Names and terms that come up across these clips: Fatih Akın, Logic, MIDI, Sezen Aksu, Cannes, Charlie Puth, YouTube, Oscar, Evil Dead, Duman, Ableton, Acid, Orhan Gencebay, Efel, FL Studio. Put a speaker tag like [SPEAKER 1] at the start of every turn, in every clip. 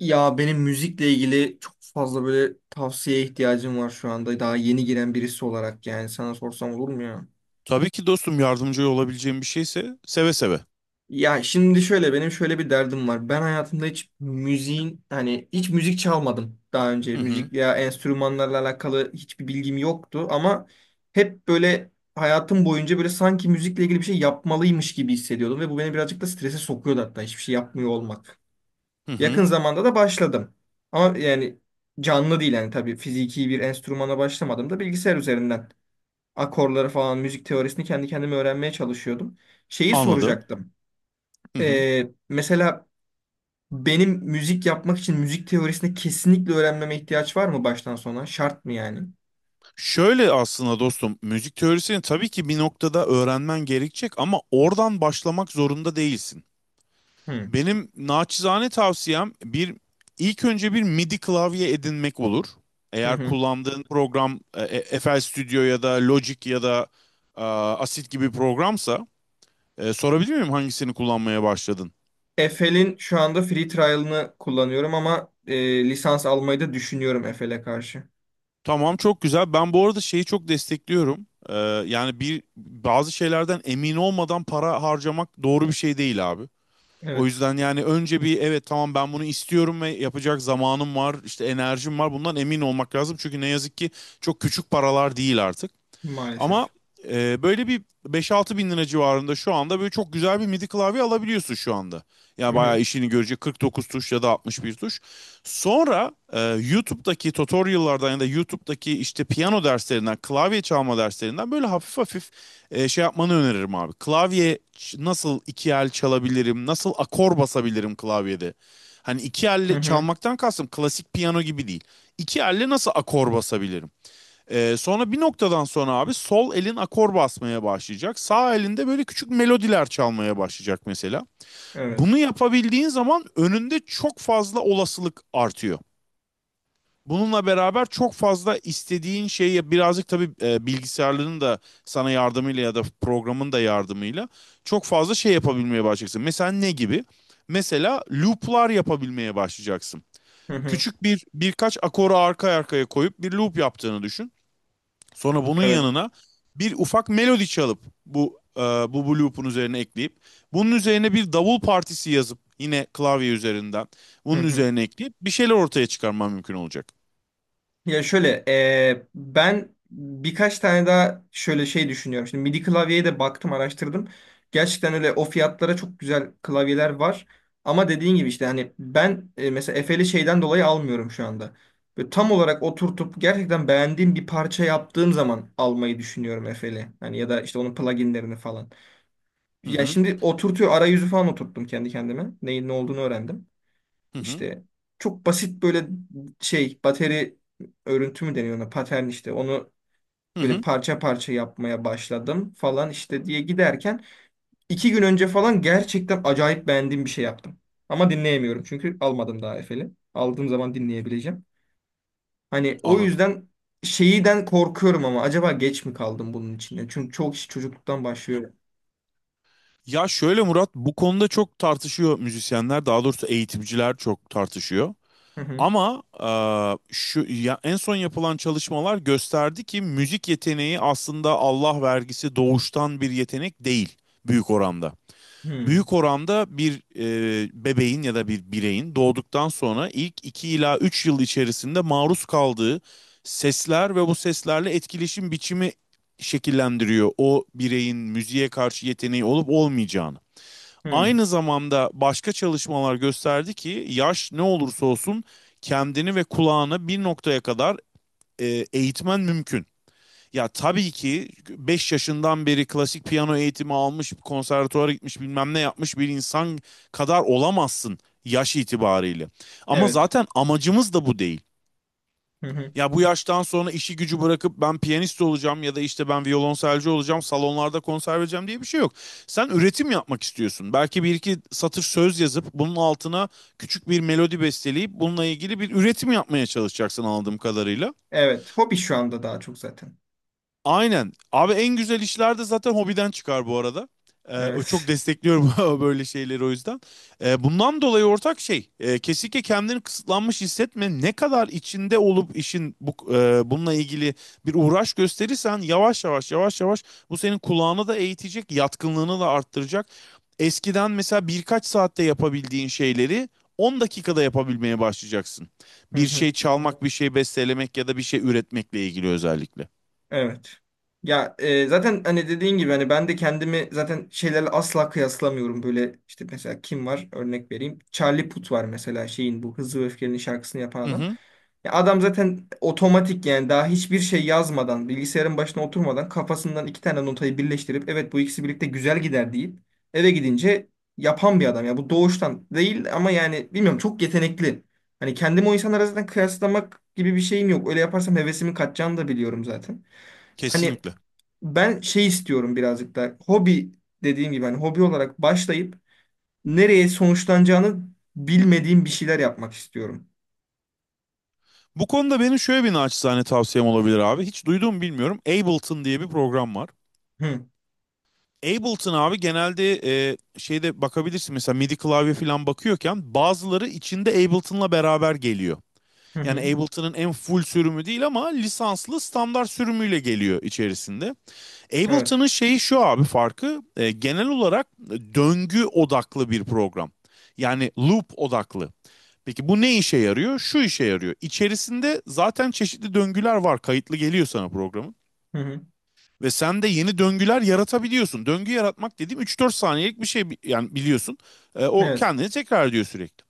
[SPEAKER 1] Ya benim müzikle ilgili çok fazla böyle tavsiyeye ihtiyacım var şu anda. Daha yeni giren birisi olarak yani sana sorsam olur mu ya?
[SPEAKER 2] Tabii ki dostum yardımcı olabileceğim bir şeyse seve seve.
[SPEAKER 1] Ya şimdi şöyle benim şöyle bir derdim var. Ben hayatımda hiç müziğin hani hiç müzik çalmadım daha önce.
[SPEAKER 2] Hı hı,
[SPEAKER 1] Müzik ya enstrümanlarla alakalı hiçbir bilgim yoktu ama hep böyle hayatım boyunca böyle sanki müzikle ilgili bir şey yapmalıymış gibi hissediyordum ve bu beni birazcık da strese sokuyordu hatta hiçbir şey yapmıyor olmak.
[SPEAKER 2] hı
[SPEAKER 1] Yakın
[SPEAKER 2] hı,
[SPEAKER 1] zamanda da başladım. Ama yani canlı değil yani tabii fiziki bir enstrümana başlamadım da bilgisayar üzerinden akorları falan müzik teorisini kendi kendime öğrenmeye çalışıyordum. Şeyi
[SPEAKER 2] anladım.
[SPEAKER 1] soracaktım.
[SPEAKER 2] Hı hı.
[SPEAKER 1] Mesela benim müzik yapmak için müzik teorisini kesinlikle öğrenmeme ihtiyaç var mı baştan sona? Şart mı yani?
[SPEAKER 2] Şöyle aslında dostum müzik teorisini tabii ki bir noktada öğrenmen gerekecek ama oradan başlamak zorunda değilsin.
[SPEAKER 1] Hı
[SPEAKER 2] Benim naçizane tavsiyem bir ilk önce bir MIDI klavye edinmek olur.
[SPEAKER 1] hı.
[SPEAKER 2] Eğer
[SPEAKER 1] Hı.
[SPEAKER 2] kullandığın program FL Studio ya da Logic ya da Acid gibi programsa sorabilir miyim hangisini kullanmaya başladın?
[SPEAKER 1] Efel'in şu anda free trial'ını kullanıyorum ama lisans almayı da düşünüyorum Efel'e karşı.
[SPEAKER 2] Tamam, çok güzel. Ben bu arada şeyi çok destekliyorum. Yani bir bazı şeylerden emin olmadan para harcamak doğru bir şey değil abi. O
[SPEAKER 1] Evet,
[SPEAKER 2] yüzden yani önce bir evet tamam ben bunu istiyorum ve yapacak zamanım var, işte enerjim var. Bundan emin olmak lazım. Çünkü ne yazık ki çok küçük paralar değil artık. Ama
[SPEAKER 1] maalesef.
[SPEAKER 2] böyle bir beş-altı bin lira civarında şu anda böyle çok güzel bir MIDI klavye alabiliyorsun şu anda. Yani
[SPEAKER 1] Hı hı.
[SPEAKER 2] bayağı işini görecek 49 tuş ya da 61 tuş. Sonra YouTube'daki tutorial'lardan ya da YouTube'daki işte piyano derslerinden, klavye çalma derslerinden böyle hafif hafif şey yapmanı öneririm abi. Klavye nasıl iki el çalabilirim, nasıl akor basabilirim klavyede? Hani iki
[SPEAKER 1] Hı
[SPEAKER 2] elle
[SPEAKER 1] hı.
[SPEAKER 2] çalmaktan kastım klasik piyano gibi değil. İki elle nasıl akor basabilirim? Sonra bir noktadan sonra abi sol elin akor basmaya başlayacak. Sağ elinde böyle küçük melodiler çalmaya başlayacak mesela.
[SPEAKER 1] Evet.
[SPEAKER 2] Bunu yapabildiğin zaman önünde çok fazla olasılık artıyor. Bununla beraber çok fazla istediğin şeyi birazcık tabii bilgisayarların da sana yardımıyla ya da programın da yardımıyla çok fazla şey yapabilmeye başlayacaksın. Mesela ne gibi? Mesela loop'lar yapabilmeye başlayacaksın.
[SPEAKER 1] Hı hı.
[SPEAKER 2] Küçük bir birkaç akoru arka arkaya koyup bir loop yaptığını düşün. Sonra bunun
[SPEAKER 1] Evet.
[SPEAKER 2] yanına bir ufak melodi çalıp bu e, bu bu loop'un üzerine ekleyip bunun üzerine bir davul partisi yazıp yine klavye üzerinden
[SPEAKER 1] Hı
[SPEAKER 2] bunun
[SPEAKER 1] hı.
[SPEAKER 2] üzerine ekleyip bir şeyler ortaya çıkarmam mümkün olacak.
[SPEAKER 1] Ya şöyle ben birkaç tane daha şöyle şey düşünüyorum. Şimdi MIDI klavyeye de baktım araştırdım. Gerçekten öyle o fiyatlara çok güzel klavyeler var. Ama dediğin gibi işte hani ben mesela Efe'li şeyden dolayı almıyorum şu anda. Böyle tam olarak oturtup gerçekten beğendiğim bir parça yaptığım zaman almayı düşünüyorum Efe'li. Hani ya da işte onun pluginlerini falan.
[SPEAKER 2] Hı
[SPEAKER 1] Ya
[SPEAKER 2] hı,
[SPEAKER 1] şimdi oturtuyor arayüzü falan oturttum kendi kendime. Neyin ne olduğunu öğrendim.
[SPEAKER 2] hı hı,
[SPEAKER 1] İşte çok basit böyle şey bateri örüntü mü deniyor ona patern işte onu
[SPEAKER 2] hı
[SPEAKER 1] böyle
[SPEAKER 2] hı,
[SPEAKER 1] parça parça yapmaya başladım falan işte diye giderken 2 gün önce falan gerçekten acayip beğendiğim bir şey yaptım. Ama dinleyemiyorum çünkü almadım daha Efe'li. Aldığım zaman dinleyebileceğim. Hani o
[SPEAKER 2] anladım.
[SPEAKER 1] yüzden şeyden korkuyorum ama acaba geç mi kaldım bunun içinde? Çünkü çok iş çocukluktan başlıyor.
[SPEAKER 2] Ya şöyle Murat, bu konuda çok tartışıyor müzisyenler, daha doğrusu eğitimciler çok tartışıyor.
[SPEAKER 1] Hı hı.
[SPEAKER 2] Ama şu ya en son yapılan çalışmalar gösterdi ki müzik yeteneği aslında Allah vergisi doğuştan bir yetenek değil büyük oranda.
[SPEAKER 1] Hı
[SPEAKER 2] Büyük oranda bir bebeğin ya da bir bireyin doğduktan sonra ilk 2 ila 3 yıl içerisinde maruz kaldığı sesler ve bu seslerle etkileşim biçimi şekillendiriyor o bireyin müziğe karşı yeteneği olup olmayacağını.
[SPEAKER 1] hı.
[SPEAKER 2] Aynı zamanda başka çalışmalar gösterdi ki yaş ne olursa olsun kendini ve kulağını bir noktaya kadar e, eğitmen mümkün. Ya tabii ki 5 yaşından beri klasik piyano eğitimi almış, konservatuara gitmiş, bilmem ne yapmış bir insan kadar olamazsın yaş itibariyle. Ama
[SPEAKER 1] Evet.
[SPEAKER 2] zaten amacımız da bu değil.
[SPEAKER 1] Hı hı.
[SPEAKER 2] Ya bu yaştan sonra işi gücü bırakıp ben piyanist olacağım ya da işte ben violonselci olacağım, salonlarda konser vereceğim diye bir şey yok. Sen üretim yapmak istiyorsun. Belki bir iki satır söz yazıp bunun altına küçük bir melodi besteleyip bununla ilgili bir üretim yapmaya çalışacaksın anladığım kadarıyla.
[SPEAKER 1] Evet. Hobi şu anda daha çok zaten.
[SPEAKER 2] Aynen. Abi en güzel işler de zaten hobiden çıkar bu arada. O çok
[SPEAKER 1] Evet.
[SPEAKER 2] destekliyorum böyle şeyleri o yüzden. Bundan dolayı ortak şey, kesinlikle kendini kısıtlanmış hissetme. Ne kadar içinde olup işin bununla ilgili bir uğraş gösterirsen, yavaş yavaş yavaş yavaş bu senin kulağını da eğitecek, yatkınlığını da arttıracak. Eskiden mesela birkaç saatte yapabildiğin şeyleri 10 dakikada yapabilmeye başlayacaksın.
[SPEAKER 1] Hı
[SPEAKER 2] Bir
[SPEAKER 1] hı.
[SPEAKER 2] şey çalmak, bir şey bestelemek ya da bir şey üretmekle ilgili özellikle.
[SPEAKER 1] Evet. Ya zaten hani dediğin gibi hani ben de kendimi zaten şeylerle asla kıyaslamıyorum. Böyle işte mesela kim var? Örnek vereyim. Charlie Puth var mesela şeyin bu Hızlı ve Öfkeli'nin şarkısını yapan
[SPEAKER 2] Hı
[SPEAKER 1] adam.
[SPEAKER 2] hı.
[SPEAKER 1] Ya adam zaten otomatik yani daha hiçbir şey yazmadan, bilgisayarın başına oturmadan kafasından iki tane notayı birleştirip evet bu ikisi birlikte güzel gider deyip eve gidince yapan bir adam. Ya bu doğuştan değil ama yani bilmiyorum çok yetenekli. Hani kendimi o insanlara zaten kıyaslamak gibi bir şeyim yok. Öyle yaparsam hevesimin kaçacağını da biliyorum zaten. Hani
[SPEAKER 2] Kesinlikle.
[SPEAKER 1] ben şey istiyorum birazcık da hobi dediğim gibi hani hobi olarak başlayıp nereye sonuçlanacağını bilmediğim bir şeyler yapmak istiyorum.
[SPEAKER 2] Bu konuda benim şöyle bir naçizane tavsiyem olabilir abi. Hiç duyduğumu bilmiyorum. Ableton diye bir program var.
[SPEAKER 1] Hı
[SPEAKER 2] Ableton abi genelde şeyde bakabilirsin, mesela MIDI klavye falan bakıyorken bazıları içinde Ableton'la beraber geliyor.
[SPEAKER 1] hı
[SPEAKER 2] Yani
[SPEAKER 1] hı.
[SPEAKER 2] Ableton'ın en full sürümü değil ama lisanslı standart sürümüyle geliyor içerisinde.
[SPEAKER 1] Evet.
[SPEAKER 2] Ableton'ın şeyi şu abi, farkı genel olarak döngü odaklı bir program. Yani loop odaklı. Peki bu ne işe yarıyor? Şu işe yarıyor. İçerisinde zaten çeşitli döngüler var. Kayıtlı geliyor sana programın.
[SPEAKER 1] Hı hı.
[SPEAKER 2] Ve sen de yeni döngüler yaratabiliyorsun. Döngü yaratmak dediğim 3-4 saniyelik bir şey yani, biliyorsun. O
[SPEAKER 1] Evet.
[SPEAKER 2] kendini tekrar ediyor sürekli.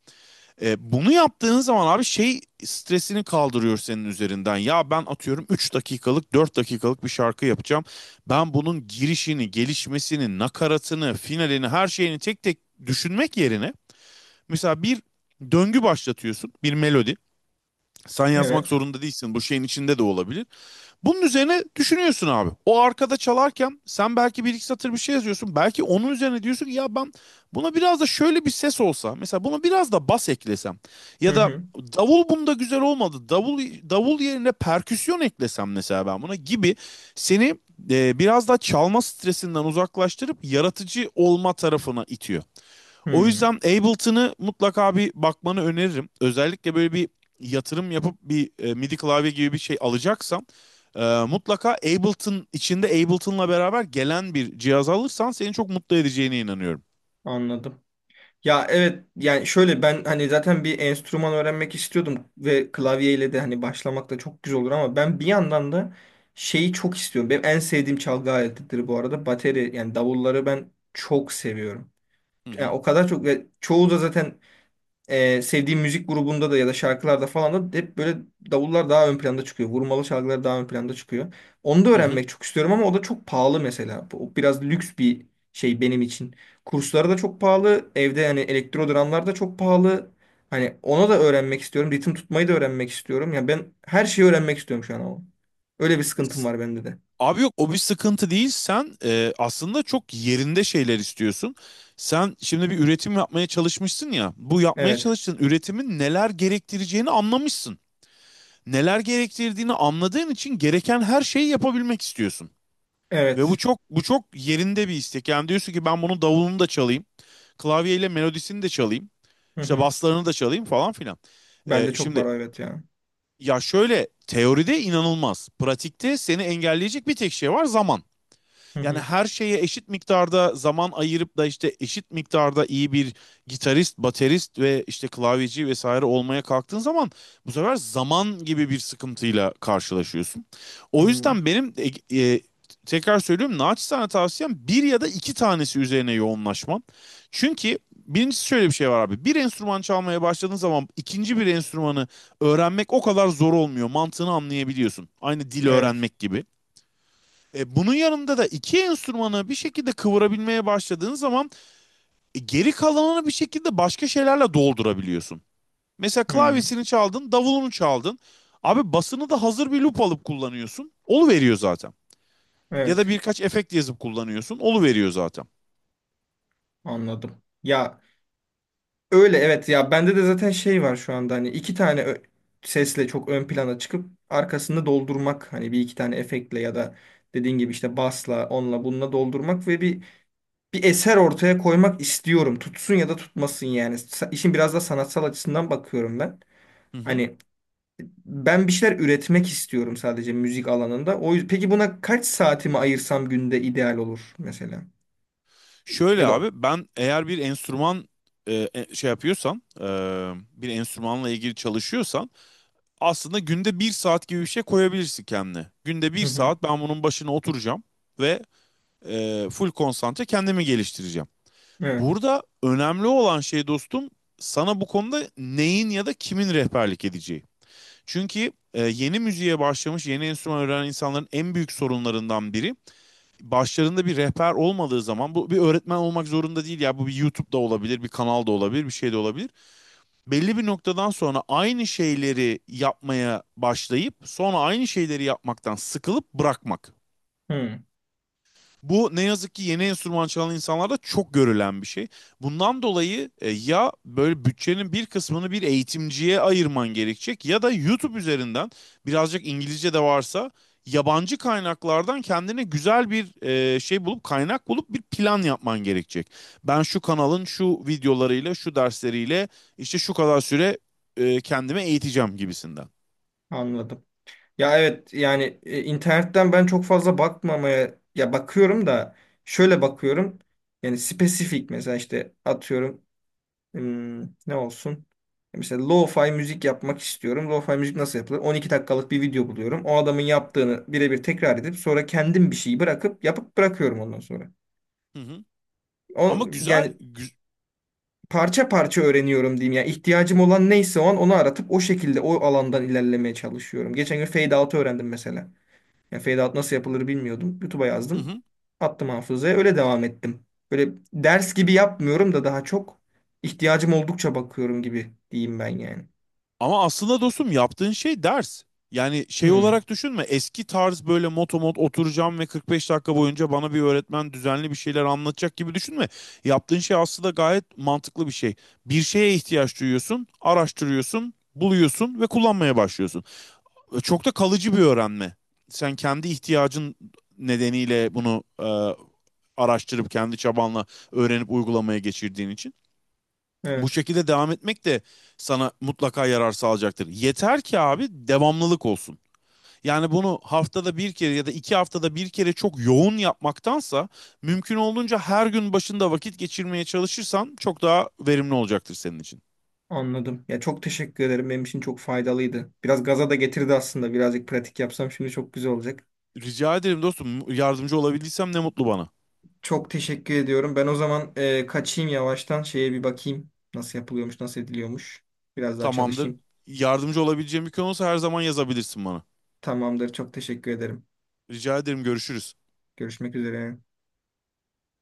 [SPEAKER 2] Bunu yaptığın zaman abi şey stresini kaldırıyor senin üzerinden. Ya ben atıyorum 3 dakikalık 4 dakikalık bir şarkı yapacağım. Ben bunun girişini, gelişmesini, nakaratını, finalini, her şeyini tek tek düşünmek yerine mesela bir döngü başlatıyorsun. Bir melodi. Sen yazmak
[SPEAKER 1] Evet.
[SPEAKER 2] zorunda değilsin. Bu şeyin içinde de olabilir. Bunun üzerine düşünüyorsun abi. O arkada çalarken sen belki bir iki satır bir şey yazıyorsun. Belki onun üzerine diyorsun ki ya ben buna biraz da şöyle bir ses olsa. Mesela buna biraz da bas eklesem.
[SPEAKER 1] Hı
[SPEAKER 2] Ya da
[SPEAKER 1] hı.
[SPEAKER 2] davul bunda güzel olmadı. Davul yerine perküsyon eklesem mesela ben buna gibi seni biraz daha çalma stresinden uzaklaştırıp yaratıcı olma tarafına itiyor. O
[SPEAKER 1] Hı.
[SPEAKER 2] yüzden Ableton'ı mutlaka bir bakmanı öneririm. Özellikle böyle bir yatırım yapıp bir MIDI klavye gibi bir şey alacaksan mutlaka Ableton içinde Ableton'la beraber gelen bir cihaz alırsan seni çok mutlu edeceğine inanıyorum.
[SPEAKER 1] Anladım. Ya evet yani şöyle ben hani zaten bir enstrüman öğrenmek istiyordum ve klavyeyle de hani başlamak da çok güzel olur ama ben bir yandan da şeyi çok istiyorum. Benim en sevdiğim çalgı aletidir bu arada. Bateri yani davulları ben çok seviyorum.
[SPEAKER 2] Hı
[SPEAKER 1] Yani
[SPEAKER 2] hı.
[SPEAKER 1] o kadar çok ve çoğu da zaten sevdiğim müzik grubunda da ya da şarkılarda falan da hep böyle davullar daha ön planda çıkıyor. Vurmalı şarkılar daha ön planda çıkıyor. Onu da
[SPEAKER 2] Hı hı.
[SPEAKER 1] öğrenmek çok istiyorum ama o da çok pahalı mesela. O biraz lüks bir şey benim için. Kursları da çok pahalı. Evde yani elektro dramlar da çok pahalı. Hani ona da öğrenmek istiyorum. Ritim tutmayı da öğrenmek istiyorum. Ya ben her şeyi öğrenmek istiyorum şu an ama. Öyle bir sıkıntım var bende de.
[SPEAKER 2] Abi yok, o bir sıkıntı değil. Sen aslında çok yerinde şeyler istiyorsun. Sen şimdi bir üretim yapmaya çalışmışsın ya. Bu yapmaya
[SPEAKER 1] Evet.
[SPEAKER 2] çalıştığın üretimin neler gerektireceğini anlamışsın. Neler gerektirdiğini anladığın için gereken her şeyi yapabilmek istiyorsun. Ve bu
[SPEAKER 1] Evet.
[SPEAKER 2] çok bu çok yerinde bir istek. Yani diyorsun ki ben bunun davulunu da çalayım. Klavyeyle melodisini de çalayım.
[SPEAKER 1] Hı
[SPEAKER 2] İşte
[SPEAKER 1] hı.
[SPEAKER 2] baslarını da çalayım falan filan.
[SPEAKER 1] Bende çok var
[SPEAKER 2] Şimdi
[SPEAKER 1] o evet ya.
[SPEAKER 2] ya şöyle teoride inanılmaz. Pratikte seni engelleyecek bir tek şey var, zaman.
[SPEAKER 1] Hı
[SPEAKER 2] Yani
[SPEAKER 1] hı.
[SPEAKER 2] her şeye eşit miktarda zaman ayırıp da işte eşit miktarda iyi bir gitarist, baterist ve işte klavyeci vesaire olmaya kalktığın zaman bu sefer zaman gibi bir sıkıntıyla karşılaşıyorsun. O
[SPEAKER 1] Hı.
[SPEAKER 2] yüzden benim e, e, tekrar söylüyorum, naçizane tavsiyem bir ya da iki tanesi üzerine yoğunlaşman. Çünkü birincisi şöyle bir şey var abi. Bir enstrüman çalmaya başladığın zaman ikinci bir enstrümanı öğrenmek o kadar zor olmuyor. Mantığını anlayabiliyorsun. Aynı dil
[SPEAKER 1] Evet.
[SPEAKER 2] öğrenmek gibi. Bunun yanında da iki enstrümanı bir şekilde kıvırabilmeye başladığın zaman geri kalanını bir şekilde başka şeylerle doldurabiliyorsun. Mesela
[SPEAKER 1] Hı.
[SPEAKER 2] klavyesini çaldın, davulunu çaldın. Abi basını da hazır bir loop alıp kullanıyorsun. Olu veriyor zaten. Ya da
[SPEAKER 1] Evet,
[SPEAKER 2] birkaç efekt yazıp kullanıyorsun. Olu veriyor zaten.
[SPEAKER 1] anladım. Ya öyle evet ya bende de zaten şey var şu anda hani iki tane sesle çok ön plana çıkıp arkasını doldurmak hani bir iki tane efektle ya da dediğin gibi işte basla onunla bununla doldurmak ve bir eser ortaya koymak istiyorum. Tutsun ya da tutmasın yani. İşin biraz da sanatsal açısından bakıyorum ben.
[SPEAKER 2] Hı hı.
[SPEAKER 1] Hani ben bir şeyler üretmek istiyorum sadece müzik alanında. O yüzden, peki buna kaç saatimi ayırsam günde ideal olur mesela? Ya
[SPEAKER 2] Şöyle
[SPEAKER 1] da
[SPEAKER 2] abi ben eğer bir enstrüman şey yapıyorsam, bir enstrümanla ilgili çalışıyorsam aslında günde bir saat gibi bir şey koyabilirsin kendine. Günde bir
[SPEAKER 1] hı hı.
[SPEAKER 2] saat ben bunun başına oturacağım ve full konsantre kendimi geliştireceğim.
[SPEAKER 1] Evet.
[SPEAKER 2] Burada önemli olan şey dostum, sana bu konuda neyin ya da kimin rehberlik edeceği. Çünkü yeni müziğe başlamış, yeni enstrüman öğrenen insanların en büyük sorunlarından biri, başlarında bir rehber olmadığı zaman, bu bir öğretmen olmak zorunda değil, ya bu bir YouTube'da olabilir, bir kanal da olabilir, bir şey de olabilir, belli bir noktadan sonra aynı şeyleri yapmaya başlayıp sonra aynı şeyleri yapmaktan sıkılıp bırakmak.
[SPEAKER 1] Hı,
[SPEAKER 2] Bu ne yazık ki yeni enstrüman çalan insanlarda çok görülen bir şey. Bundan dolayı ya böyle bütçenin bir kısmını bir eğitimciye ayırman gerekecek ya da YouTube üzerinden birazcık İngilizce de varsa yabancı kaynaklardan kendine güzel bir şey bulup, kaynak bulup bir plan yapman gerekecek. Ben şu kanalın şu videolarıyla, şu dersleriyle işte şu kadar süre kendime eğiteceğim gibisinden.
[SPEAKER 1] anladım. Ya evet yani internetten ben çok fazla bakmamaya ya bakıyorum da şöyle bakıyorum. Yani spesifik mesela işte atıyorum hmm, ne olsun? Mesela lo-fi müzik yapmak istiyorum. Lo-fi müzik nasıl yapılır? 12 dakikalık bir video buluyorum. O adamın yaptığını birebir tekrar edip sonra kendim bir şeyi bırakıp yapıp bırakıyorum ondan sonra.
[SPEAKER 2] Hı hı.
[SPEAKER 1] O
[SPEAKER 2] Ama güzel,
[SPEAKER 1] yani parça parça öğreniyorum diyeyim. Yani ihtiyacım olan neyse o an onu aratıp o şekilde o alandan ilerlemeye çalışıyorum. Geçen gün fade out'u öğrendim mesela. Yani fade out nasıl yapılır bilmiyordum. YouTube'a
[SPEAKER 2] hı
[SPEAKER 1] yazdım.
[SPEAKER 2] hı.
[SPEAKER 1] Attım hafızaya. Öyle devam ettim. Böyle ders gibi yapmıyorum da daha çok ihtiyacım oldukça bakıyorum gibi diyeyim ben yani.
[SPEAKER 2] Ama aslında dostum yaptığın şey ders. Yani şey
[SPEAKER 1] Hmm,
[SPEAKER 2] olarak düşünme, eski tarz böyle motomot oturacağım ve 45 dakika boyunca bana bir öğretmen düzenli bir şeyler anlatacak gibi düşünme. Yaptığın şey aslında gayet mantıklı bir şey. Bir şeye ihtiyaç duyuyorsun, araştırıyorsun, buluyorsun ve kullanmaya başlıyorsun. Çok da kalıcı bir öğrenme. Sen kendi ihtiyacın nedeniyle bunu araştırıp kendi çabanla öğrenip uygulamaya geçirdiğin için. Bu
[SPEAKER 1] evet
[SPEAKER 2] şekilde devam etmek de sana mutlaka yarar sağlayacaktır. Yeter ki abi devamlılık olsun. Yani bunu haftada bir kere ya da iki haftada bir kere çok yoğun yapmaktansa mümkün olduğunca her gün başında vakit geçirmeye çalışırsan çok daha verimli olacaktır senin için.
[SPEAKER 1] anladım. Ya çok teşekkür ederim. Benim için çok faydalıydı. Biraz gaza da getirdi aslında. Birazcık pratik yapsam şimdi çok güzel olacak.
[SPEAKER 2] Rica ederim dostum, yardımcı olabildiysem ne mutlu bana.
[SPEAKER 1] Çok teşekkür ediyorum. Ben o zaman kaçayım yavaştan. Şeye bir bakayım. Nasıl yapılıyormuş, nasıl ediliyormuş. Biraz daha
[SPEAKER 2] Tamamdır.
[SPEAKER 1] çalışayım.
[SPEAKER 2] Yardımcı olabileceğim bir konu olsa her zaman yazabilirsin bana.
[SPEAKER 1] Tamamdır. Çok teşekkür ederim.
[SPEAKER 2] Rica ederim, görüşürüz.
[SPEAKER 1] Görüşmek üzere.